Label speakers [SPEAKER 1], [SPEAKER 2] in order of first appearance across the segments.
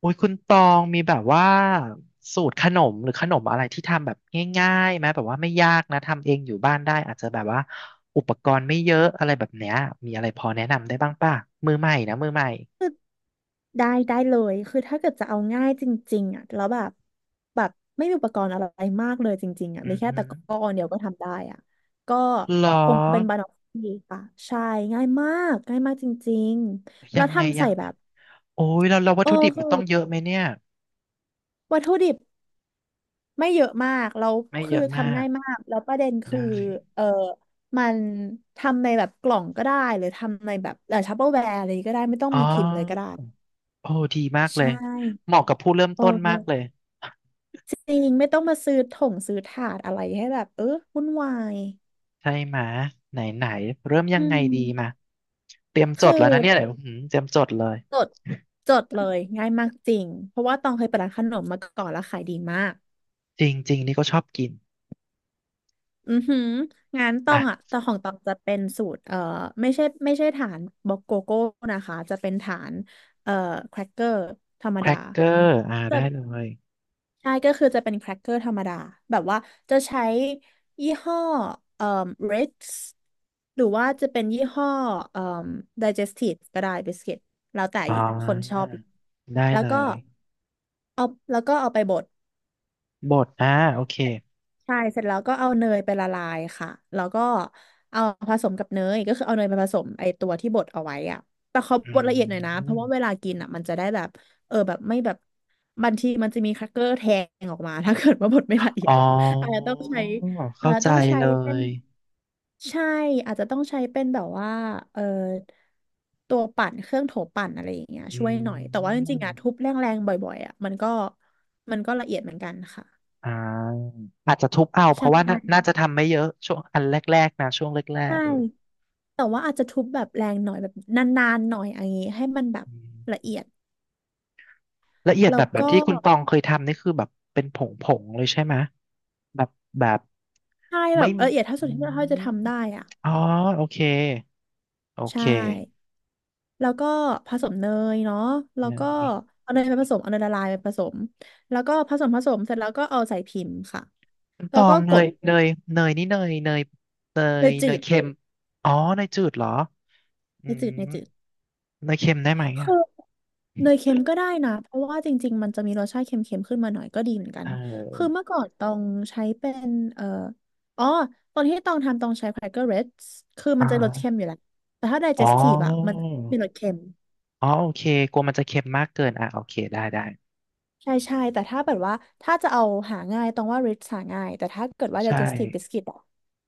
[SPEAKER 1] โอุ้ยคุณตองมีแบบว่าสูตรขนมหรือขนมอะไรที่ทำแบบง่ายๆไหมแบบว่าไม่ยากนะทำเองอยู่บ้านได้อาจจะแบบว่าอุปกรณ์ไม่เยอะอะไรแบบเนี้ยมีอะไรพอแนะนำได้บ้างป่ะมือใหม่นะมือใหม่
[SPEAKER 2] ได้ได้เลยคือถ้าเกิดจะเอาง่ายจริงๆอ่ะแล้วแบบไม่มีอุปกรณ์อะไรมากเลยจริงๆอ่ะ
[SPEAKER 1] อื
[SPEAKER 2] มี
[SPEAKER 1] อ
[SPEAKER 2] แค่
[SPEAKER 1] หือ
[SPEAKER 2] ตะกร้อเดียวก็ทำได้อ่ะก็
[SPEAKER 1] หรอ
[SPEAKER 2] คงเป็นบานอฟฟี่ค่ะใช่ง่ายมากง่ายมากจริงๆแล้
[SPEAKER 1] ยั
[SPEAKER 2] ว
[SPEAKER 1] งไง
[SPEAKER 2] ทำ
[SPEAKER 1] ยั
[SPEAKER 2] ใส่
[SPEAKER 1] งไง
[SPEAKER 2] แบบ
[SPEAKER 1] โอ้ยเราเราวัต
[SPEAKER 2] โอ้
[SPEAKER 1] ถุดิบ
[SPEAKER 2] คื
[SPEAKER 1] มั
[SPEAKER 2] อ
[SPEAKER 1] นต้องเยอะไหมเนี่ย
[SPEAKER 2] วัตถุดิบไม่เยอะมากแล้ว
[SPEAKER 1] ไม่เย
[SPEAKER 2] คือ
[SPEAKER 1] อะมา
[SPEAKER 2] ทำ
[SPEAKER 1] ก
[SPEAKER 2] ง่ายมากแล้วประเด็นคือ
[SPEAKER 1] ได้
[SPEAKER 2] เออมันทำในแบบกล่องก็ได้หรือทำในแบบทัปเปอร์แวร์อะไรก็ได้ไม่ต้อง
[SPEAKER 1] อ๋อ
[SPEAKER 2] มีพิมพ์เลยก็ได้
[SPEAKER 1] โอ้ดีมาก
[SPEAKER 2] ใช
[SPEAKER 1] เลย
[SPEAKER 2] ่
[SPEAKER 1] เหมาะกับผู้เริ่ม
[SPEAKER 2] โอ
[SPEAKER 1] ต้นมากเล
[SPEAKER 2] ้
[SPEAKER 1] ย
[SPEAKER 2] จริงไม่ต้องมาซื้อถงซื้อถาดอะไรให้แบบวุ่นวาย
[SPEAKER 1] ใช่ไหมะไหนไหนเริ่มยั
[SPEAKER 2] อื
[SPEAKER 1] งไง
[SPEAKER 2] ม
[SPEAKER 1] ดีมาเตรียมจ
[SPEAKER 2] คือ
[SPEAKER 1] ดแล้วนะเนี่ยเดี๋ยวอื้อหือเตรียมจดเลย
[SPEAKER 2] จดจดเลยง่ายมากจริงเพราะว่าตองเคยเปิดร้านขนมมาก่อนแล้วขายดีมาก
[SPEAKER 1] จริงๆนี่ก็ชอบกิน
[SPEAKER 2] อือหืองานตองอ่ะ
[SPEAKER 1] อ่ะ
[SPEAKER 2] แต่ของตองจะเป็นสูตรไม่ใช่ไม่ใช่ฐานบล็อกโกโก้นะคะจะเป็นฐานเอ่อแครกเกอร์ธรรม
[SPEAKER 1] แคร
[SPEAKER 2] ดา
[SPEAKER 1] กเกอร์อ่าได้เลย
[SPEAKER 2] ใช่ก็คือจะเป็นแครกเกอร์ธรรมดาแบบว่าจะใช้ยี่ห้อเอ่อ Ritz หรือว่าจะเป็นยี่ห้อเอ่อ Digestive ก็ได้บิสกิตแล้วแต่
[SPEAKER 1] อ๋อ
[SPEAKER 2] คนชอบ
[SPEAKER 1] ได้
[SPEAKER 2] แล้ว
[SPEAKER 1] เล
[SPEAKER 2] ก็
[SPEAKER 1] ย
[SPEAKER 2] เอาแล้วก็เอาไปบด
[SPEAKER 1] บดอ่าโอเค
[SPEAKER 2] ใช่เสร็จแล้วก็เอาเนยไปละลายค่ะแล้วก็เอาผสมกับเนยก็คือเอาเนยไปผสมไอตัวที่บดเอาไว้อะแต่เขา
[SPEAKER 1] อื
[SPEAKER 2] บดละเอียดหน่อยนะเพ
[SPEAKER 1] ม
[SPEAKER 2] ราะว่าเวลากินอ่ะมันจะได้แบบแบบไม่แบบบางทีมันจะมีครักเกอร์แทงออกมา ถ้าเกิดว่าบดไม่ละเอีย
[SPEAKER 1] อ๋
[SPEAKER 2] ดอาจจะ
[SPEAKER 1] อ
[SPEAKER 2] ต้องใช้อาจ
[SPEAKER 1] เข้า
[SPEAKER 2] จะ
[SPEAKER 1] ใจ
[SPEAKER 2] ต้องใช้
[SPEAKER 1] เล
[SPEAKER 2] เป็น
[SPEAKER 1] ย
[SPEAKER 2] ใช่อาจจะต้องใช้เป็นแบบว่าเออตัวปั่นเครื่องโถปั่นอะไรอย่างเงี้ย
[SPEAKER 1] อื
[SPEAKER 2] ช่วยหน่อยแต่ว่าจ
[SPEAKER 1] ม
[SPEAKER 2] ริงๆอ่ะทุบแรงๆบ่อยๆอ่ะมันก็ละเอียดเหมือนกันค่ะ
[SPEAKER 1] อ่าอาจจะทุบเอาเพ
[SPEAKER 2] ใช่
[SPEAKER 1] ราะว่า
[SPEAKER 2] ใช่
[SPEAKER 1] น่าน่าจะทำไม่เยอะช่วงอันแรกๆนะช่วงแรก
[SPEAKER 2] ใช่
[SPEAKER 1] ๆเออ
[SPEAKER 2] แต่ว่าอาจจะทุบแบบแรงหน่อยแบบนานๆหน่อยอย่างงี้ให้มันแบบ
[SPEAKER 1] อื
[SPEAKER 2] ละ
[SPEAKER 1] ม
[SPEAKER 2] เอียด
[SPEAKER 1] ละเอียด
[SPEAKER 2] แล้
[SPEAKER 1] แบ
[SPEAKER 2] ว
[SPEAKER 1] บแบบ
[SPEAKER 2] ก็
[SPEAKER 1] ที่คุณตองเคยทำนี่คือแบบเป็นผงๆเลยใช่ไหมแบบแบบ
[SPEAKER 2] ใช่แบ
[SPEAKER 1] ไม่
[SPEAKER 2] บละเอียดเท่า
[SPEAKER 1] อื
[SPEAKER 2] สุดที่เราจะ
[SPEAKER 1] ม
[SPEAKER 2] ทำได้อ่ะ
[SPEAKER 1] อ๋อโอเค โอเค
[SPEAKER 2] ใช่แล้วก็ผสมเนยเนาะแล้
[SPEAKER 1] เน
[SPEAKER 2] วก็
[SPEAKER 1] ย
[SPEAKER 2] เอาเนยไปผสมเอาเนยละลายไปผสมแล้วก็ผสมเสร็จแล้วก็เอาใส่พิมพ์ค่ะ
[SPEAKER 1] น้ำต
[SPEAKER 2] แล้ว
[SPEAKER 1] อ
[SPEAKER 2] ก็
[SPEAKER 1] ง
[SPEAKER 2] ก
[SPEAKER 1] เน
[SPEAKER 2] ด
[SPEAKER 1] ยเนยเนยนี่เนยเนยเน
[SPEAKER 2] ใน
[SPEAKER 1] ยเน
[SPEAKER 2] จื
[SPEAKER 1] ย
[SPEAKER 2] ด
[SPEAKER 1] เค็มอ๋อเนยจืดเหรออื
[SPEAKER 2] ในจืดใน
[SPEAKER 1] ม
[SPEAKER 2] จืด
[SPEAKER 1] เนยเค็มได้ไหมอ่ะ
[SPEAKER 2] คือเนยเค็มก็ได้นะเพราะว่าจริงๆมันจะมีรสชาติเค็มๆขึ้นมาหน่อยก็ดีเหมือนกั
[SPEAKER 1] เ
[SPEAKER 2] นคือ
[SPEAKER 1] ออ
[SPEAKER 2] เมื่อก่อนต้องใช้เป็นอ๋อตอนที่ต้องทำต้องใช้ Cracker Reds คือ
[SPEAKER 1] อ่
[SPEAKER 2] มันจะรสเค็ม
[SPEAKER 1] า
[SPEAKER 2] อยู่แล้วแต่ถ้า
[SPEAKER 1] อ๋อ
[SPEAKER 2] digestive อะมันมีรสเค็ม
[SPEAKER 1] อ๋อโอเคกลัวมันจะเค็มมากเกินอ่ะโอเคได้ได้
[SPEAKER 2] ใช่ใช่แต่ถ้าแบบว่าถ้าจะเอาหาง่ายต้องว่า Ritz หาง่ายแต่ถ้าเกิดว่า
[SPEAKER 1] ใช่
[SPEAKER 2] digestive biscuit อะ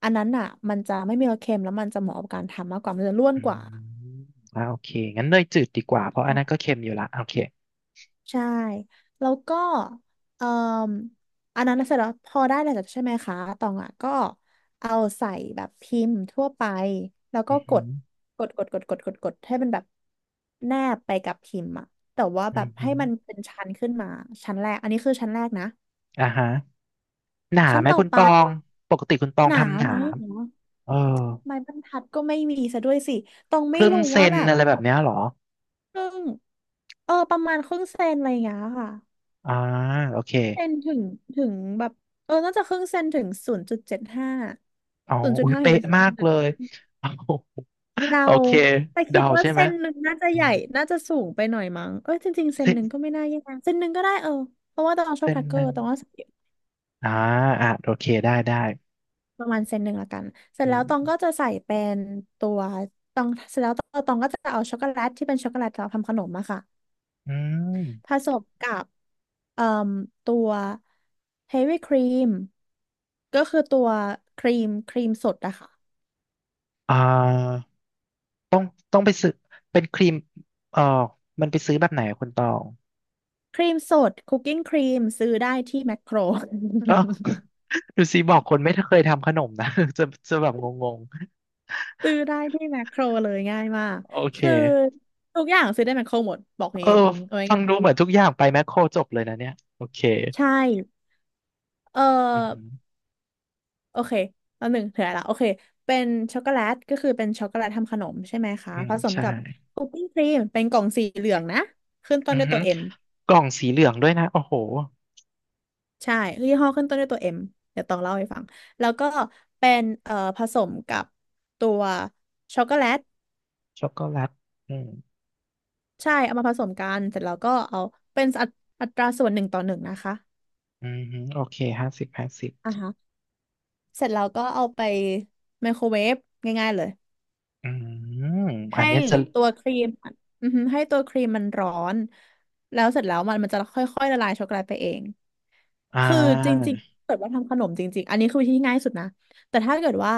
[SPEAKER 2] อันนั้นอะมันจะไม่มีรสเค็มแล้วมันจะเหมาะกับการทำมากกว่ามันจะร่วน
[SPEAKER 1] อื
[SPEAKER 2] กว่า
[SPEAKER 1] มอ่าโอเคงั้นเนยจืดดีกว่าเพราะอันนั้นก็เค็มอยู่ละโอเค
[SPEAKER 2] ใช่แล้วก็เอ่ออันนั้นเสร็จแล้วพอได้แล้วใช่ไหมคะตองอ่ะก็เอาใส่แบบพิมพ์ทั่วไปแล้ว
[SPEAKER 1] อื
[SPEAKER 2] ก็
[SPEAKER 1] อ
[SPEAKER 2] ก
[SPEAKER 1] หื
[SPEAKER 2] ด
[SPEAKER 1] อ
[SPEAKER 2] กดกดกดกดกดกดให้มันแบบแนบไปกับพิมพ์อ่ะแต่ว่าแบ
[SPEAKER 1] อือ
[SPEAKER 2] บ
[SPEAKER 1] หื
[SPEAKER 2] ให้
[SPEAKER 1] อ
[SPEAKER 2] มันเป็นชั้นขึ้นมาชั้นแรกอันนี้คือชั้นแรกนะ
[SPEAKER 1] อ่าฮะหนา
[SPEAKER 2] ชั้น
[SPEAKER 1] ไหม
[SPEAKER 2] ต่อ
[SPEAKER 1] คุณ
[SPEAKER 2] ไป
[SPEAKER 1] ตองปกติคุณตอง
[SPEAKER 2] หนา
[SPEAKER 1] ทำหนา
[SPEAKER 2] ไหมหนา
[SPEAKER 1] เออ
[SPEAKER 2] ไม้บรรทัดก็ไม่มีซะด้วยสิตอง
[SPEAKER 1] ค
[SPEAKER 2] ไม่
[SPEAKER 1] รึ่ง
[SPEAKER 2] รู้
[SPEAKER 1] เซ
[SPEAKER 2] ว่า
[SPEAKER 1] น
[SPEAKER 2] แบบ
[SPEAKER 1] อะไรแบบเนี้ยเหรอ
[SPEAKER 2] ครึ่งประมาณครึ่งเซนอะไรอย่างเงี้ยค่ะ
[SPEAKER 1] อ่าโอเค
[SPEAKER 2] เซนถึงถึงแบบน่าจะครึ่งเซนถึง0.75
[SPEAKER 1] เอา
[SPEAKER 2] ศูนย์จุด
[SPEAKER 1] อุ้ย
[SPEAKER 2] ห้าเห็
[SPEAKER 1] เป๊ะ
[SPEAKER 2] น
[SPEAKER 1] มากเลย เอา
[SPEAKER 2] เรา
[SPEAKER 1] โอเค
[SPEAKER 2] แต่คิ
[SPEAKER 1] เดา
[SPEAKER 2] ดว่า
[SPEAKER 1] ใช่ไหม
[SPEAKER 2] เส้นหนึ่งน่าจะ
[SPEAKER 1] อ่า
[SPEAKER 2] ใหญ่น่าจะสูงไปหน่อยมั้งเอ้ยจริงๆเส้น
[SPEAKER 1] เส้
[SPEAKER 2] ห
[SPEAKER 1] น
[SPEAKER 2] นึ่งก็ไม่น่าแย่เส้นหนึ่งก็ได้เออเพราะว่าตองชอบ
[SPEAKER 1] เส้
[SPEAKER 2] แค
[SPEAKER 1] น
[SPEAKER 2] รกเก
[SPEAKER 1] ห
[SPEAKER 2] อ
[SPEAKER 1] นึ่
[SPEAKER 2] ร์
[SPEAKER 1] ง
[SPEAKER 2] ตองก็ใส่
[SPEAKER 1] อ่าอ่ะโอเคได้ได้
[SPEAKER 2] ประมาณเส้นหนึ่งละกันเสร็จ
[SPEAKER 1] อื
[SPEAKER 2] แล้วตอง
[SPEAKER 1] ม
[SPEAKER 2] ก็จะใส่เป็นตัวตองเสร็จแล้วตองก็จะเอาช็อกโกแลตที่เป็นช็อกโกแลตเราทำขนมอะค่ะ
[SPEAKER 1] อืม
[SPEAKER 2] ผสมกับเอ่มตัวเฮฟวี่ครีมก็คือตัวครีมครีมสดอะค่ะ
[SPEAKER 1] อ่าต้องต้องไปซื้อเป็นครีมเออมันไปซื้อแบบไหนอะคุณตอง
[SPEAKER 2] ครีมสดคุกกิ้งครีมซื้อได้ที่แมคโคร
[SPEAKER 1] เออ ดูสิบอกคนไม่เคยทำขนมนะ จะจะแบบงง
[SPEAKER 2] ซื้อได้ที่แมคโครเลยง่ายมาก
[SPEAKER 1] ๆโอเค
[SPEAKER 2] คือทุกอย่างซื้อได้แมคโครหมดบอก
[SPEAKER 1] เออ
[SPEAKER 2] งี้เอาไว้
[SPEAKER 1] ฟั
[SPEAKER 2] ง่า
[SPEAKER 1] ง
[SPEAKER 2] ย
[SPEAKER 1] ดูเหมือนทุกอย่างไปแมคโครจบเลยนะเนี่ยโอเค
[SPEAKER 2] ใช่เออ
[SPEAKER 1] อืมอหือ
[SPEAKER 2] โอเคตอนหนึ่งเถื่อละโอเคเป็นช็อกโกแลตก็คือเป็นช็อกโกแลตทำขนมใช่ไหมคะ
[SPEAKER 1] อืม
[SPEAKER 2] ผสม
[SPEAKER 1] ใช่
[SPEAKER 2] กับคุกกิ้งครีมเป็นกล่องสีเหลืองนะขึ้นต้
[SPEAKER 1] อื
[SPEAKER 2] น
[SPEAKER 1] อ
[SPEAKER 2] ด้วย
[SPEAKER 1] ฮึ
[SPEAKER 2] ตัวเอ็ม
[SPEAKER 1] กล่องสีเหลืองด้วยนะโอ้โห
[SPEAKER 2] ใช่ยี่ห้อขึ้นต้นด้วยตัวเอ็มเดี๋ยวต้องเล่าให้ฟังแล้วก็เป็นผสมกับตัวช็อกโกแลต
[SPEAKER 1] ช็อกโกแลตอืม
[SPEAKER 2] ใช่เอามาผสมกันเสร็จแล้วก็เอาเป็นอัตราส่วนหนึ่งต่อหนึ่งนะคะ
[SPEAKER 1] อือฮึโอเค50 50
[SPEAKER 2] อ่าฮะเสร็จแล้วก็เอาไปไมโครเวฟง่ายๆเลย
[SPEAKER 1] อืมอั
[SPEAKER 2] ให้
[SPEAKER 1] นเนี้ยจะ
[SPEAKER 2] ตัวครีมอือฮึให้ตัวครีมมันร้อนแล้วเสร็จแล้วมันจะค่อยๆละลายช็อกโกแลตไปเอง
[SPEAKER 1] อ่า
[SPEAKER 2] คือจริงๆเกิดว่าทำขนมจริงๆอันนี้คือวิธีที่ง่ายสุดนะแต่ถ้าเกิดว่า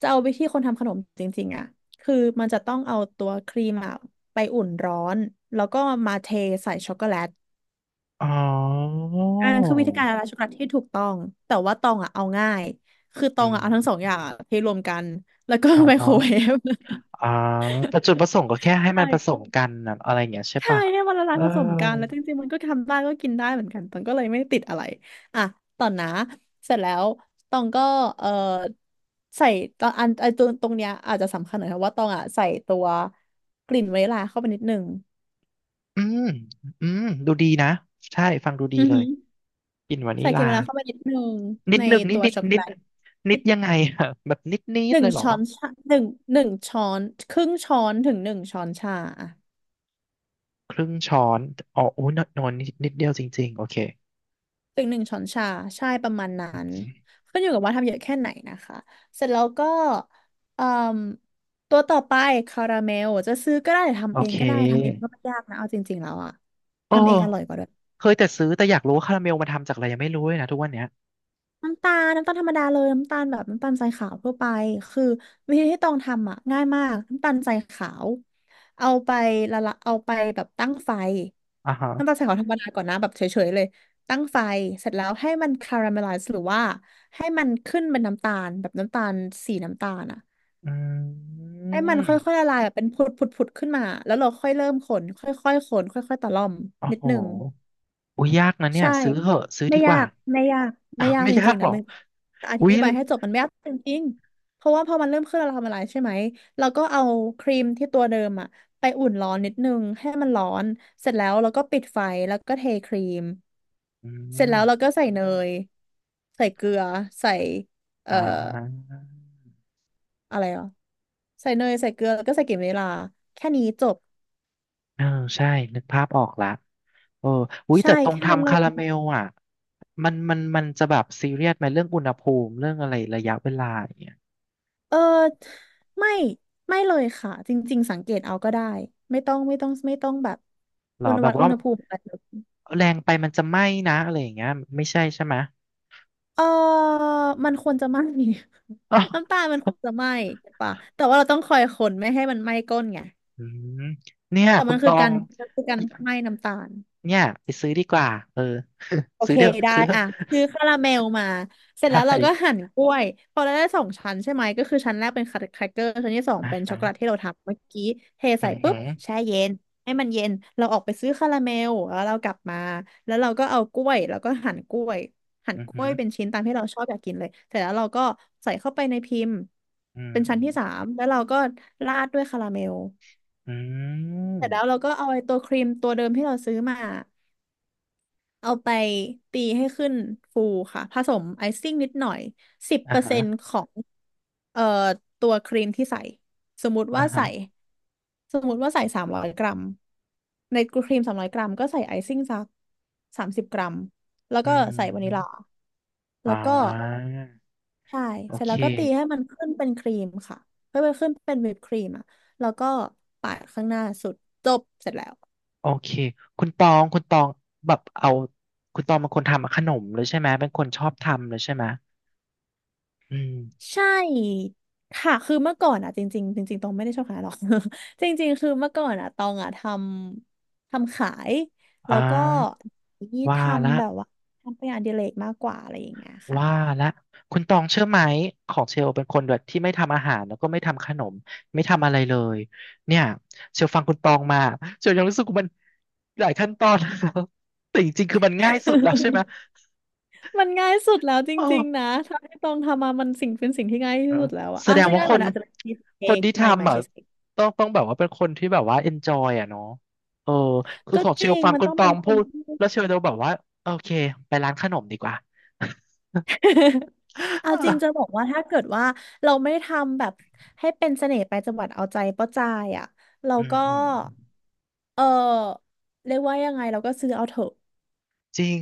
[SPEAKER 2] จะเอาวิธีคนทำขนมจริงๆอ่ะคือมันจะต้องเอาตัวครีมอะไปอุ่นร้อนแล้วก็มาเทใส่ช็อกโกแลต
[SPEAKER 1] อ๋อ
[SPEAKER 2] อันนั้นคือวิธีการละลายช็อกโกแลตที่ถูกต้องแต่ว่าตองอ่ะเอาง่ายคือต
[SPEAKER 1] อื
[SPEAKER 2] องอ่ะเอาทั้งสอง
[SPEAKER 1] ม
[SPEAKER 2] อย่างอะเทรวมกันแล้วก็
[SPEAKER 1] อ
[SPEAKER 2] ไม
[SPEAKER 1] ๋
[SPEAKER 2] โค
[SPEAKER 1] อ
[SPEAKER 2] รเวฟ
[SPEAKER 1] อ๋อแต่จุดประสงค์ก็แค่ให้มันผส
[SPEAKER 2] ใช่
[SPEAKER 1] มกันนะอะไรอย่างเงี้ยใช่
[SPEAKER 2] ใช่
[SPEAKER 1] ป่ะ
[SPEAKER 2] ให้มันละลา
[SPEAKER 1] เอ
[SPEAKER 2] ย
[SPEAKER 1] อ
[SPEAKER 2] ผสมกันแล้วจริงๆมันก็ทำได้ก็กินได้เหมือนกันตองก็เลยไม่ได้ติดอะไรอ่ะต่อนะเสร็จแล้วตองก็เออใส่ตอนอันไอตัวตรงเนี้ยอาจจะสำคัญหน่อยเพราะว่าตองอ่ะใส่ตัวกลิ่นวานิลลาเข้าไปนิดนึง
[SPEAKER 1] อืมอืมดูดีนะใช่ฟังดูดี
[SPEAKER 2] อือ
[SPEAKER 1] เล
[SPEAKER 2] หื
[SPEAKER 1] ย
[SPEAKER 2] อ
[SPEAKER 1] กลิ่นวานิ
[SPEAKER 2] ใส่ก
[SPEAKER 1] ลา
[SPEAKER 2] ลิ่นวานิลลาเข้าไปนิดนึง
[SPEAKER 1] นิด
[SPEAKER 2] ใน
[SPEAKER 1] นึงนิด
[SPEAKER 2] ตัว
[SPEAKER 1] นิด
[SPEAKER 2] ช็อกโก
[SPEAKER 1] นิ
[SPEAKER 2] แล
[SPEAKER 1] ด
[SPEAKER 2] ต
[SPEAKER 1] นิดยังไงอะแบบนิดนิ
[SPEAKER 2] ห
[SPEAKER 1] ด
[SPEAKER 2] นึ่
[SPEAKER 1] เล
[SPEAKER 2] ง
[SPEAKER 1] ยเหรอ
[SPEAKER 2] ช้อนชาหนึ่งหนึ่งช้อนครึ่งช้อนถึงหนึ่งช้อนชาอะ
[SPEAKER 1] ครึ่งช้อนอ๋อโอ้ยนนอนนิดนิดเดียวจริงๆโอเค
[SPEAKER 2] ถึงหนึ่งช้อนชาใช่ประมาณนั้นขึ้นอยู่กับว่าทำเยอะแค่ไหนนะคะเสร็จแล้วก็เอ่มตัวต่อไปคาราเมลจะซื้อก็ได้หรือ
[SPEAKER 1] โอ
[SPEAKER 2] ทำเอง
[SPEAKER 1] เค
[SPEAKER 2] ก็ได้ทำเองก็ไม่ยากนะเอาจริงๆแล้วอะ
[SPEAKER 1] โอ
[SPEAKER 2] ทำเองอร่อยก
[SPEAKER 1] ้
[SPEAKER 2] ว่าด้วย
[SPEAKER 1] เคยแต่ซื้อแต่อยากรู้ว่าคาราเมลมาทำจากอะไรยังไม่รู้เลยนะทุกวันเนี้ย
[SPEAKER 2] น้ำตาลน้ำตาลธรรมดาเลยน้ำตาลแบบน้ำตาลทรายขาวทั่วไปคือวิธีที่ต้องทำอ่ะง่ายมากน้ำตาลทรายขาวเอาไปละละเอาไปแบบตั้งไฟ
[SPEAKER 1] อ่าฮะ
[SPEAKER 2] น้ำตาลทรายขาวธรรมดาก่อนนะแบบเฉยๆเลยตั้งไฟเสร็จแล้วให้มันคาราเมลไลซ์หรือว่าให้มันขึ้นเป็นน้ำตาลแบบน้ำตาลสีน้ำตาลอ่ะ
[SPEAKER 1] อื
[SPEAKER 2] ให้มันค่อย
[SPEAKER 1] ม
[SPEAKER 2] ๆละลายแบบเป็นผุดๆๆขึ้นมาแล้วเราค่อยเริ่มคนค่อยๆคนค่อยๆตะล่อม
[SPEAKER 1] โอ้
[SPEAKER 2] นิด
[SPEAKER 1] โห
[SPEAKER 2] นึง
[SPEAKER 1] อุ้ยยากนะเนี่ย
[SPEAKER 2] ใช่
[SPEAKER 1] ซื้อเหอะซื้อ
[SPEAKER 2] ไม่
[SPEAKER 1] ดีก
[SPEAKER 2] ยา
[SPEAKER 1] ว่า
[SPEAKER 2] กไม่ยาก
[SPEAKER 1] อ้า
[SPEAKER 2] ไม่ยาก
[SPEAKER 1] ไม่
[SPEAKER 2] จ
[SPEAKER 1] ยา
[SPEAKER 2] ริง
[SPEAKER 1] ก
[SPEAKER 2] ๆ
[SPEAKER 1] หร
[SPEAKER 2] นะ
[SPEAKER 1] อก
[SPEAKER 2] มันอ
[SPEAKER 1] อุ้ย
[SPEAKER 2] ธิบายให้จบมันไม่ยากจริงๆเพราะว่าพอมันเริ่มขึ้นเราทำอะไรใช่ไหมเราก็เอาครีมที่ตัวเดิมอะไปอุ่นร้อนนิดนึงให้มันร้อนเสร็จแล้วเราก็ปิดไฟแล้วก็เทครีม
[SPEAKER 1] อื
[SPEAKER 2] เสร็จแล้วเรา
[SPEAKER 1] ม
[SPEAKER 2] ก็ใส่เนยใส่เกลือใส่เอ่
[SPEAKER 1] อ่
[SPEAKER 2] อ
[SPEAKER 1] า
[SPEAKER 2] อะไรอ่ะใส่เนยใส่เกลือแล้วก็ใส่กลิ่นวานิลลาแค่นี้จบ
[SPEAKER 1] เออใช่นึกภาพออกละเอออุ้ย
[SPEAKER 2] ใช่
[SPEAKER 1] แต่ตรง
[SPEAKER 2] แค่นั้น
[SPEAKER 1] ทำ
[SPEAKER 2] เล
[SPEAKER 1] คา
[SPEAKER 2] ย
[SPEAKER 1] ราเมลอ่ะมันมันมันจะแบบซีเรียสไหมเรื่องอุณหภูมิเรื่องอะไรระยะเวลาอย่างเงี้ย
[SPEAKER 2] เออไม่ไม่เลยค่ะจริงๆสังเกตเอาก็ได้ไม่ต้องไม่ต้องไม่ต้องแบบ
[SPEAKER 1] หรอแบบ
[SPEAKER 2] อุ
[SPEAKER 1] ว่า
[SPEAKER 2] ณหภูมิอะไรแบบ
[SPEAKER 1] แรงไปมันจะไหม้นะอะไรอย่างเงี้ยไม่ใช่ใช่ไหม
[SPEAKER 2] เออมันควรจะไหม้
[SPEAKER 1] อ้าว
[SPEAKER 2] น้ำตาลมันควรจะไหม้ใช่ปะแต่ว่าเราต้องคอยคนไม่ให้มันไหม้ก้นไง
[SPEAKER 1] อืมเนี่ย
[SPEAKER 2] แต่
[SPEAKER 1] คุ
[SPEAKER 2] มั
[SPEAKER 1] ณ
[SPEAKER 2] น
[SPEAKER 1] ต
[SPEAKER 2] คือ
[SPEAKER 1] อ
[SPEAKER 2] กา
[SPEAKER 1] ง
[SPEAKER 2] รมันคือการไหม้น้ำตาล
[SPEAKER 1] เนี่ยไปซื้อดีกว่าเออ
[SPEAKER 2] โอ
[SPEAKER 1] ซื้
[SPEAKER 2] เค
[SPEAKER 1] อเด้อะ
[SPEAKER 2] ได้
[SPEAKER 1] ซื้อเถอะ
[SPEAKER 2] อ่ะซื้อคาราเมลมาเสร็จแล้
[SPEAKER 1] ใช่
[SPEAKER 2] วเราก็หั่นกล้วยพอเราได้สองชั้นใช่ไหมก็คือชั้นแรกเป็นแครกเกอร์ชั้นที่สอง
[SPEAKER 1] อ่า
[SPEAKER 2] เป็น
[SPEAKER 1] ฮะ
[SPEAKER 2] ช็อกโกแลตที่เราทำเมื่อกี้เท
[SPEAKER 1] อื
[SPEAKER 2] ใส่
[SPEAKER 1] อ
[SPEAKER 2] ปุ๊
[SPEAKER 1] หื
[SPEAKER 2] บ
[SPEAKER 1] อ
[SPEAKER 2] แช่เย็นให้มันเย็นเราออกไปซื้อคาราเมลแล้วเรากลับมาแล้วเราก็เอากล้วยแล้วก็หั่นกล้วยหั่น
[SPEAKER 1] อือ
[SPEAKER 2] กล้
[SPEAKER 1] หื
[SPEAKER 2] ว
[SPEAKER 1] อ
[SPEAKER 2] ยเป็นชิ้นตามที่เราชอบอยากกินเลยเสร็จแล้วเราก็ใส่เข้าไปในพิมพ์
[SPEAKER 1] อืม
[SPEAKER 2] เป็นชั้นที่สามแล้วเราก็ราดด้วยคาราเมล
[SPEAKER 1] อื
[SPEAKER 2] เส
[SPEAKER 1] ม
[SPEAKER 2] ร็จแล้วเราก็เอาไอ้ตัวครีมตัวเดิมที่เราซื้อมา เอาไปตีให้ขึ้นฟูค่ะผสมไอซิ่งนิดหน่อยสิบ
[SPEAKER 1] อ่า
[SPEAKER 2] เปอร์
[SPEAKER 1] ฮะ
[SPEAKER 2] เซ็นต์ของเอ่อตัวครีมที่ใส่สมมติ
[SPEAKER 1] อ่า
[SPEAKER 2] ว่า
[SPEAKER 1] ฮะ
[SPEAKER 2] ใส่สมมติว่าใส่สามร้อยกรัมในครีมสามร้อยกรัมก็ใส่ไอซิ่งสัก30 กรัมแล้ว
[SPEAKER 1] อื
[SPEAKER 2] ก็
[SPEAKER 1] มอื
[SPEAKER 2] ใส่วานิล
[SPEAKER 1] ม
[SPEAKER 2] ลา
[SPEAKER 1] อ่
[SPEAKER 2] แล้วก็
[SPEAKER 1] า
[SPEAKER 2] ใช่
[SPEAKER 1] โอ
[SPEAKER 2] เสร็จ
[SPEAKER 1] เค
[SPEAKER 2] แล้วก็ตีให้มันขึ้นเป็นครีมค่ะเพื่อไปขึ้นเป็นวิปครีมอ่ะแล้วก็ปาดข้างหน้าสุดจบเสร็จแล้ว
[SPEAKER 1] โอเคคุณตองคุณตองแบบเอาคุณตองเป็นคนทำขนมเลยใช่ไหมเป็นคนชอบทำเลยใช่ไหมอืม
[SPEAKER 2] ใช่ค่ะคือเมื่อก่อนอ่ะจริงๆจริงๆตองไม่ได้ชอบขายหรอก จริงๆคือเมื่อก่อนอ่ะตองอ่ะทำขาย
[SPEAKER 1] อ่
[SPEAKER 2] แล้วก็
[SPEAKER 1] า
[SPEAKER 2] นี่
[SPEAKER 1] ว่า
[SPEAKER 2] ท
[SPEAKER 1] ละ
[SPEAKER 2] ำแบบว่าทำเป็นงานอดิเรกมากกว่าอะไรอย่างเงี้ยค่ะ
[SPEAKER 1] ว่าละคุณตองเชื่อไหมของเชลเป็นคนแบบที่ไม่ทำอาหารแล้วก็ไม่ทำขนมไม่ทำอะไรเลยเนี่ยเชลฟังคุณตองมาเชลยังรู้สึกว่ามันหลายขั้นตอน แล้วแต่จริงๆคือมันง่ายสุดแล้วใช่ไหม
[SPEAKER 2] มันง่ายสุดแล้วจ
[SPEAKER 1] เออ
[SPEAKER 2] ริงๆนะถ้าให้ตองทำมามันสิ่งเป็นสิ่งที่ง่ายที่
[SPEAKER 1] เออ
[SPEAKER 2] สุดแล้วอะ
[SPEAKER 1] แส
[SPEAKER 2] อ่ะ
[SPEAKER 1] ดง
[SPEAKER 2] จะ
[SPEAKER 1] ว่า
[SPEAKER 2] ง่าย
[SPEAKER 1] ค
[SPEAKER 2] กว่า
[SPEAKER 1] น
[SPEAKER 2] นะอาจจะเป็นชีส
[SPEAKER 1] ค
[SPEAKER 2] เค้
[SPEAKER 1] น
[SPEAKER 2] ก
[SPEAKER 1] ที่
[SPEAKER 2] ใหม่ใหม่
[SPEAKER 1] ทำอ่ะ
[SPEAKER 2] ชีสเค้ก
[SPEAKER 1] ต้องต้องแบบว่าเป็นคนที่แบบว่า enjoy อ่ะเนาะเออคือ
[SPEAKER 2] ก็
[SPEAKER 1] ของ
[SPEAKER 2] จ
[SPEAKER 1] เช
[SPEAKER 2] ริ
[SPEAKER 1] ล
[SPEAKER 2] ง
[SPEAKER 1] ฟัง
[SPEAKER 2] มัน
[SPEAKER 1] คุณ
[SPEAKER 2] ต้อง
[SPEAKER 1] ตอ
[SPEAKER 2] เป็น
[SPEAKER 1] ง
[SPEAKER 2] ค
[SPEAKER 1] พู
[SPEAKER 2] น
[SPEAKER 1] ด
[SPEAKER 2] ที่
[SPEAKER 1] แล้วเชลจะแบบว่าโอเคไปร้านขนมดีกว่า
[SPEAKER 2] เอาจริง จะบอกว่าถ้าเกิดว่าเราไม่ทำแบบให้เป็นเสน่ห์ไปจังหวัดเอาใจป้าจายอ่ะเรา
[SPEAKER 1] อืม
[SPEAKER 2] ก็
[SPEAKER 1] อืม
[SPEAKER 2] เออเรียกว่ายังไงเราก็ซื้อเอาเถอะ
[SPEAKER 1] จริง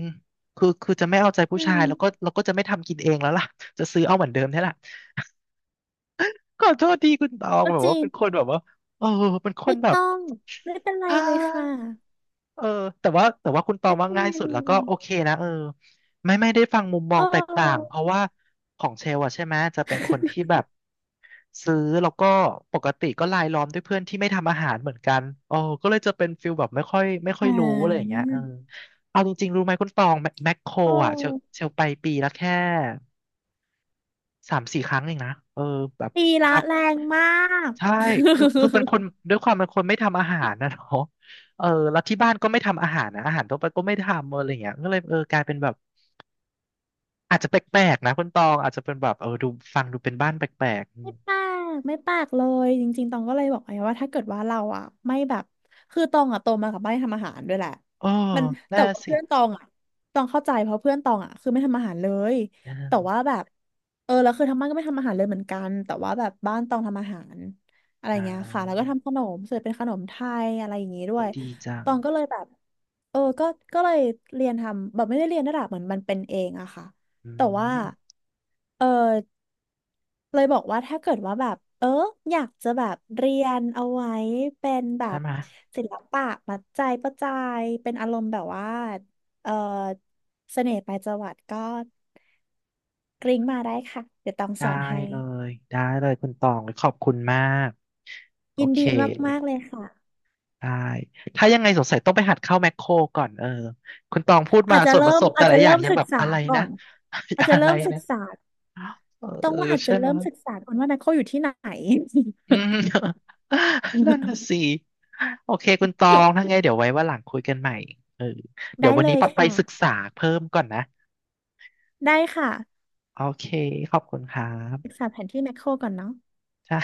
[SPEAKER 1] คือคือจะไม่เอาใจผู้
[SPEAKER 2] อื
[SPEAKER 1] ชายแล้ว
[SPEAKER 2] ม
[SPEAKER 1] ก็เราก็จะไม่ทำกินเองแล้วล่ะ จะซื้อเอาเหมือนเดิมนี่แหละขอโทษทีคุณตอง
[SPEAKER 2] ก็
[SPEAKER 1] แบบ
[SPEAKER 2] จริ
[SPEAKER 1] ว่า
[SPEAKER 2] ง
[SPEAKER 1] เป็นคนแบบว่า เออเป็นคน
[SPEAKER 2] ไม่
[SPEAKER 1] แบบ
[SPEAKER 2] ต้องไม่เป็นไรเลยค่ะ
[SPEAKER 1] เออแต่ว่าแต่ว่าคุณตอง
[SPEAKER 2] ไม่
[SPEAKER 1] ว่า
[SPEAKER 2] เป็น
[SPEAKER 1] ง่า
[SPEAKER 2] ไร
[SPEAKER 1] ยสุด
[SPEAKER 2] เล
[SPEAKER 1] แล้วก็
[SPEAKER 2] ย
[SPEAKER 1] โอเคนะเออไม่ไม่ได้ฟังมุมมอ
[SPEAKER 2] เอ
[SPEAKER 1] งแตกต่าง
[SPEAKER 2] อ
[SPEAKER 1] เพราะว่าของเชลอะใช่ไหมจะเป็นคนที่ แบบซื้อแล้วก็ปกติก็รายล้อมด้วยเพื่อนที่ไม่ทำอาหารเหมือนกันโอ้ก็เลยจะเป็นฟิลแบบไม่ค่อยไม่ค่อ
[SPEAKER 2] อ่
[SPEAKER 1] ยรู้อะไรอย่าง
[SPEAKER 2] า
[SPEAKER 1] เงี้ยเออเอาจริงๆรู้ไหมคุณตองแมแมคโคร
[SPEAKER 2] เอ
[SPEAKER 1] อะเชล
[SPEAKER 2] อ
[SPEAKER 1] เชลไปปีละแค่สามสี่ครั้งเองนะเออแบบ
[SPEAKER 2] ตีละ
[SPEAKER 1] พับ
[SPEAKER 2] แรงมาก
[SPEAKER 1] ใช่คือคือเป็นคน ด้วยความเป็นคนไม่ทำอาหารนะเนาะเออแล้วที่บ้านก็ไม่ทำอาหารนะอาหารทั่วไปก็ไม่ทำอะไรอย่างเงี้ยก็เลยเออกลายเป็นแบบ อาจจะแปลกๆนะ คุณตอง อาจจะเป็นแบบ เออดูฟังดูเป็นบ้านแปลกๆอืม
[SPEAKER 2] ไม่ปากไม่ปากเลยจริงๆตองก็เลยบอกไอ้ว่าถ้าเกิดว่าเราอ่ะไม่แบบคือตองอ่ะโตมากับไม่ทำอาหารด้วยแหละ
[SPEAKER 1] เออ
[SPEAKER 2] มันแต่
[SPEAKER 1] น่า
[SPEAKER 2] ว่า
[SPEAKER 1] สิ
[SPEAKER 2] เพื่อนตองอ่ะตองเข้าใจเพราะเพื่อนตองอ่ะคือไม่ทำอาหารเลย
[SPEAKER 1] เอ
[SPEAKER 2] แต่
[SPEAKER 1] อ
[SPEAKER 2] ว่าแบบเออแล้วคือทั้งบ้านก็ไม่ทำอาหารเลยเหมือนกันแต่ว่าแบบบ้านตองทำอาหารอะไร
[SPEAKER 1] อ่
[SPEAKER 2] เงี้ยค่ะแล้ว
[SPEAKER 1] า
[SPEAKER 2] ก็ทำขนมเสร็จเป็นขนมไทยอะไรอย่างงี้ด้
[SPEAKER 1] โอ้
[SPEAKER 2] วย
[SPEAKER 1] ดีจัง
[SPEAKER 2] ตองก็เลยแบบเออก็ก็เลยเรียนทำแบบไม่ได้เรียนระดับเหมือนมันเป็นเองอะค่ะ
[SPEAKER 1] อื
[SPEAKER 2] แต่ว่า
[SPEAKER 1] ม
[SPEAKER 2] เออ เลยบอกว่าถ้าเกิดว่าแบบเอออยากจะแบบเรียนเอาไว้เป็นแบ
[SPEAKER 1] ใช่
[SPEAKER 2] บ
[SPEAKER 1] ไหมย
[SPEAKER 2] ศิลปะมัดใจประจายเป็นอารมณ์แบบว่าเออเสน่ห์ปลายจวักก็กริ้งมาได้ค่ะเดี๋ยวต้องส
[SPEAKER 1] ได้
[SPEAKER 2] อนให้
[SPEAKER 1] เลยได้เลยคุณตอง ขอบคุณมากโอ
[SPEAKER 2] ยิน
[SPEAKER 1] เค
[SPEAKER 2] ดีมากๆเลยค่ะ
[SPEAKER 1] ได้ ถ้ายังไงสงสัยต้องไปหัดเข้าแมคโครก่อน เออ คุณตองพูดมาส่วนผสม
[SPEAKER 2] อา
[SPEAKER 1] แต่
[SPEAKER 2] จ
[SPEAKER 1] ละ
[SPEAKER 2] จะ
[SPEAKER 1] อ
[SPEAKER 2] เริ่
[SPEAKER 1] ย่าง
[SPEAKER 2] ม
[SPEAKER 1] ยัง
[SPEAKER 2] ศึ
[SPEAKER 1] แบ
[SPEAKER 2] ก
[SPEAKER 1] บ
[SPEAKER 2] ษา
[SPEAKER 1] อะไร
[SPEAKER 2] ก่อ
[SPEAKER 1] นะ
[SPEAKER 2] นอาจ จะ
[SPEAKER 1] อะ
[SPEAKER 2] เริ่
[SPEAKER 1] ไร
[SPEAKER 2] มศึก
[SPEAKER 1] นะ
[SPEAKER 2] ษา
[SPEAKER 1] เออ
[SPEAKER 2] ต้องว่าอาจ
[SPEAKER 1] ใช่
[SPEAKER 2] จะ
[SPEAKER 1] ไหม
[SPEAKER 2] เริ่มศึกษาก่อนว่าไมโครอยู่ที่ไหน
[SPEAKER 1] อืม นั่นน่ะสิ โอเคคุณตองถ้าไงเดี๋ยวไว้ว่าหลังคุยกันใหม่เออ เดี๋ยว
[SPEAKER 2] ได้
[SPEAKER 1] วัน
[SPEAKER 2] เล
[SPEAKER 1] นี้
[SPEAKER 2] ย
[SPEAKER 1] ปัดไป
[SPEAKER 2] ค่ะ
[SPEAKER 1] ศึกษาเพิ่มก่อนนะ
[SPEAKER 2] ได้ค่ะ
[SPEAKER 1] โอเคขอบคุณครั
[SPEAKER 2] ศึก
[SPEAKER 1] บ
[SPEAKER 2] ษาแผนที่แมคโครก่อนเนาะ
[SPEAKER 1] ใช่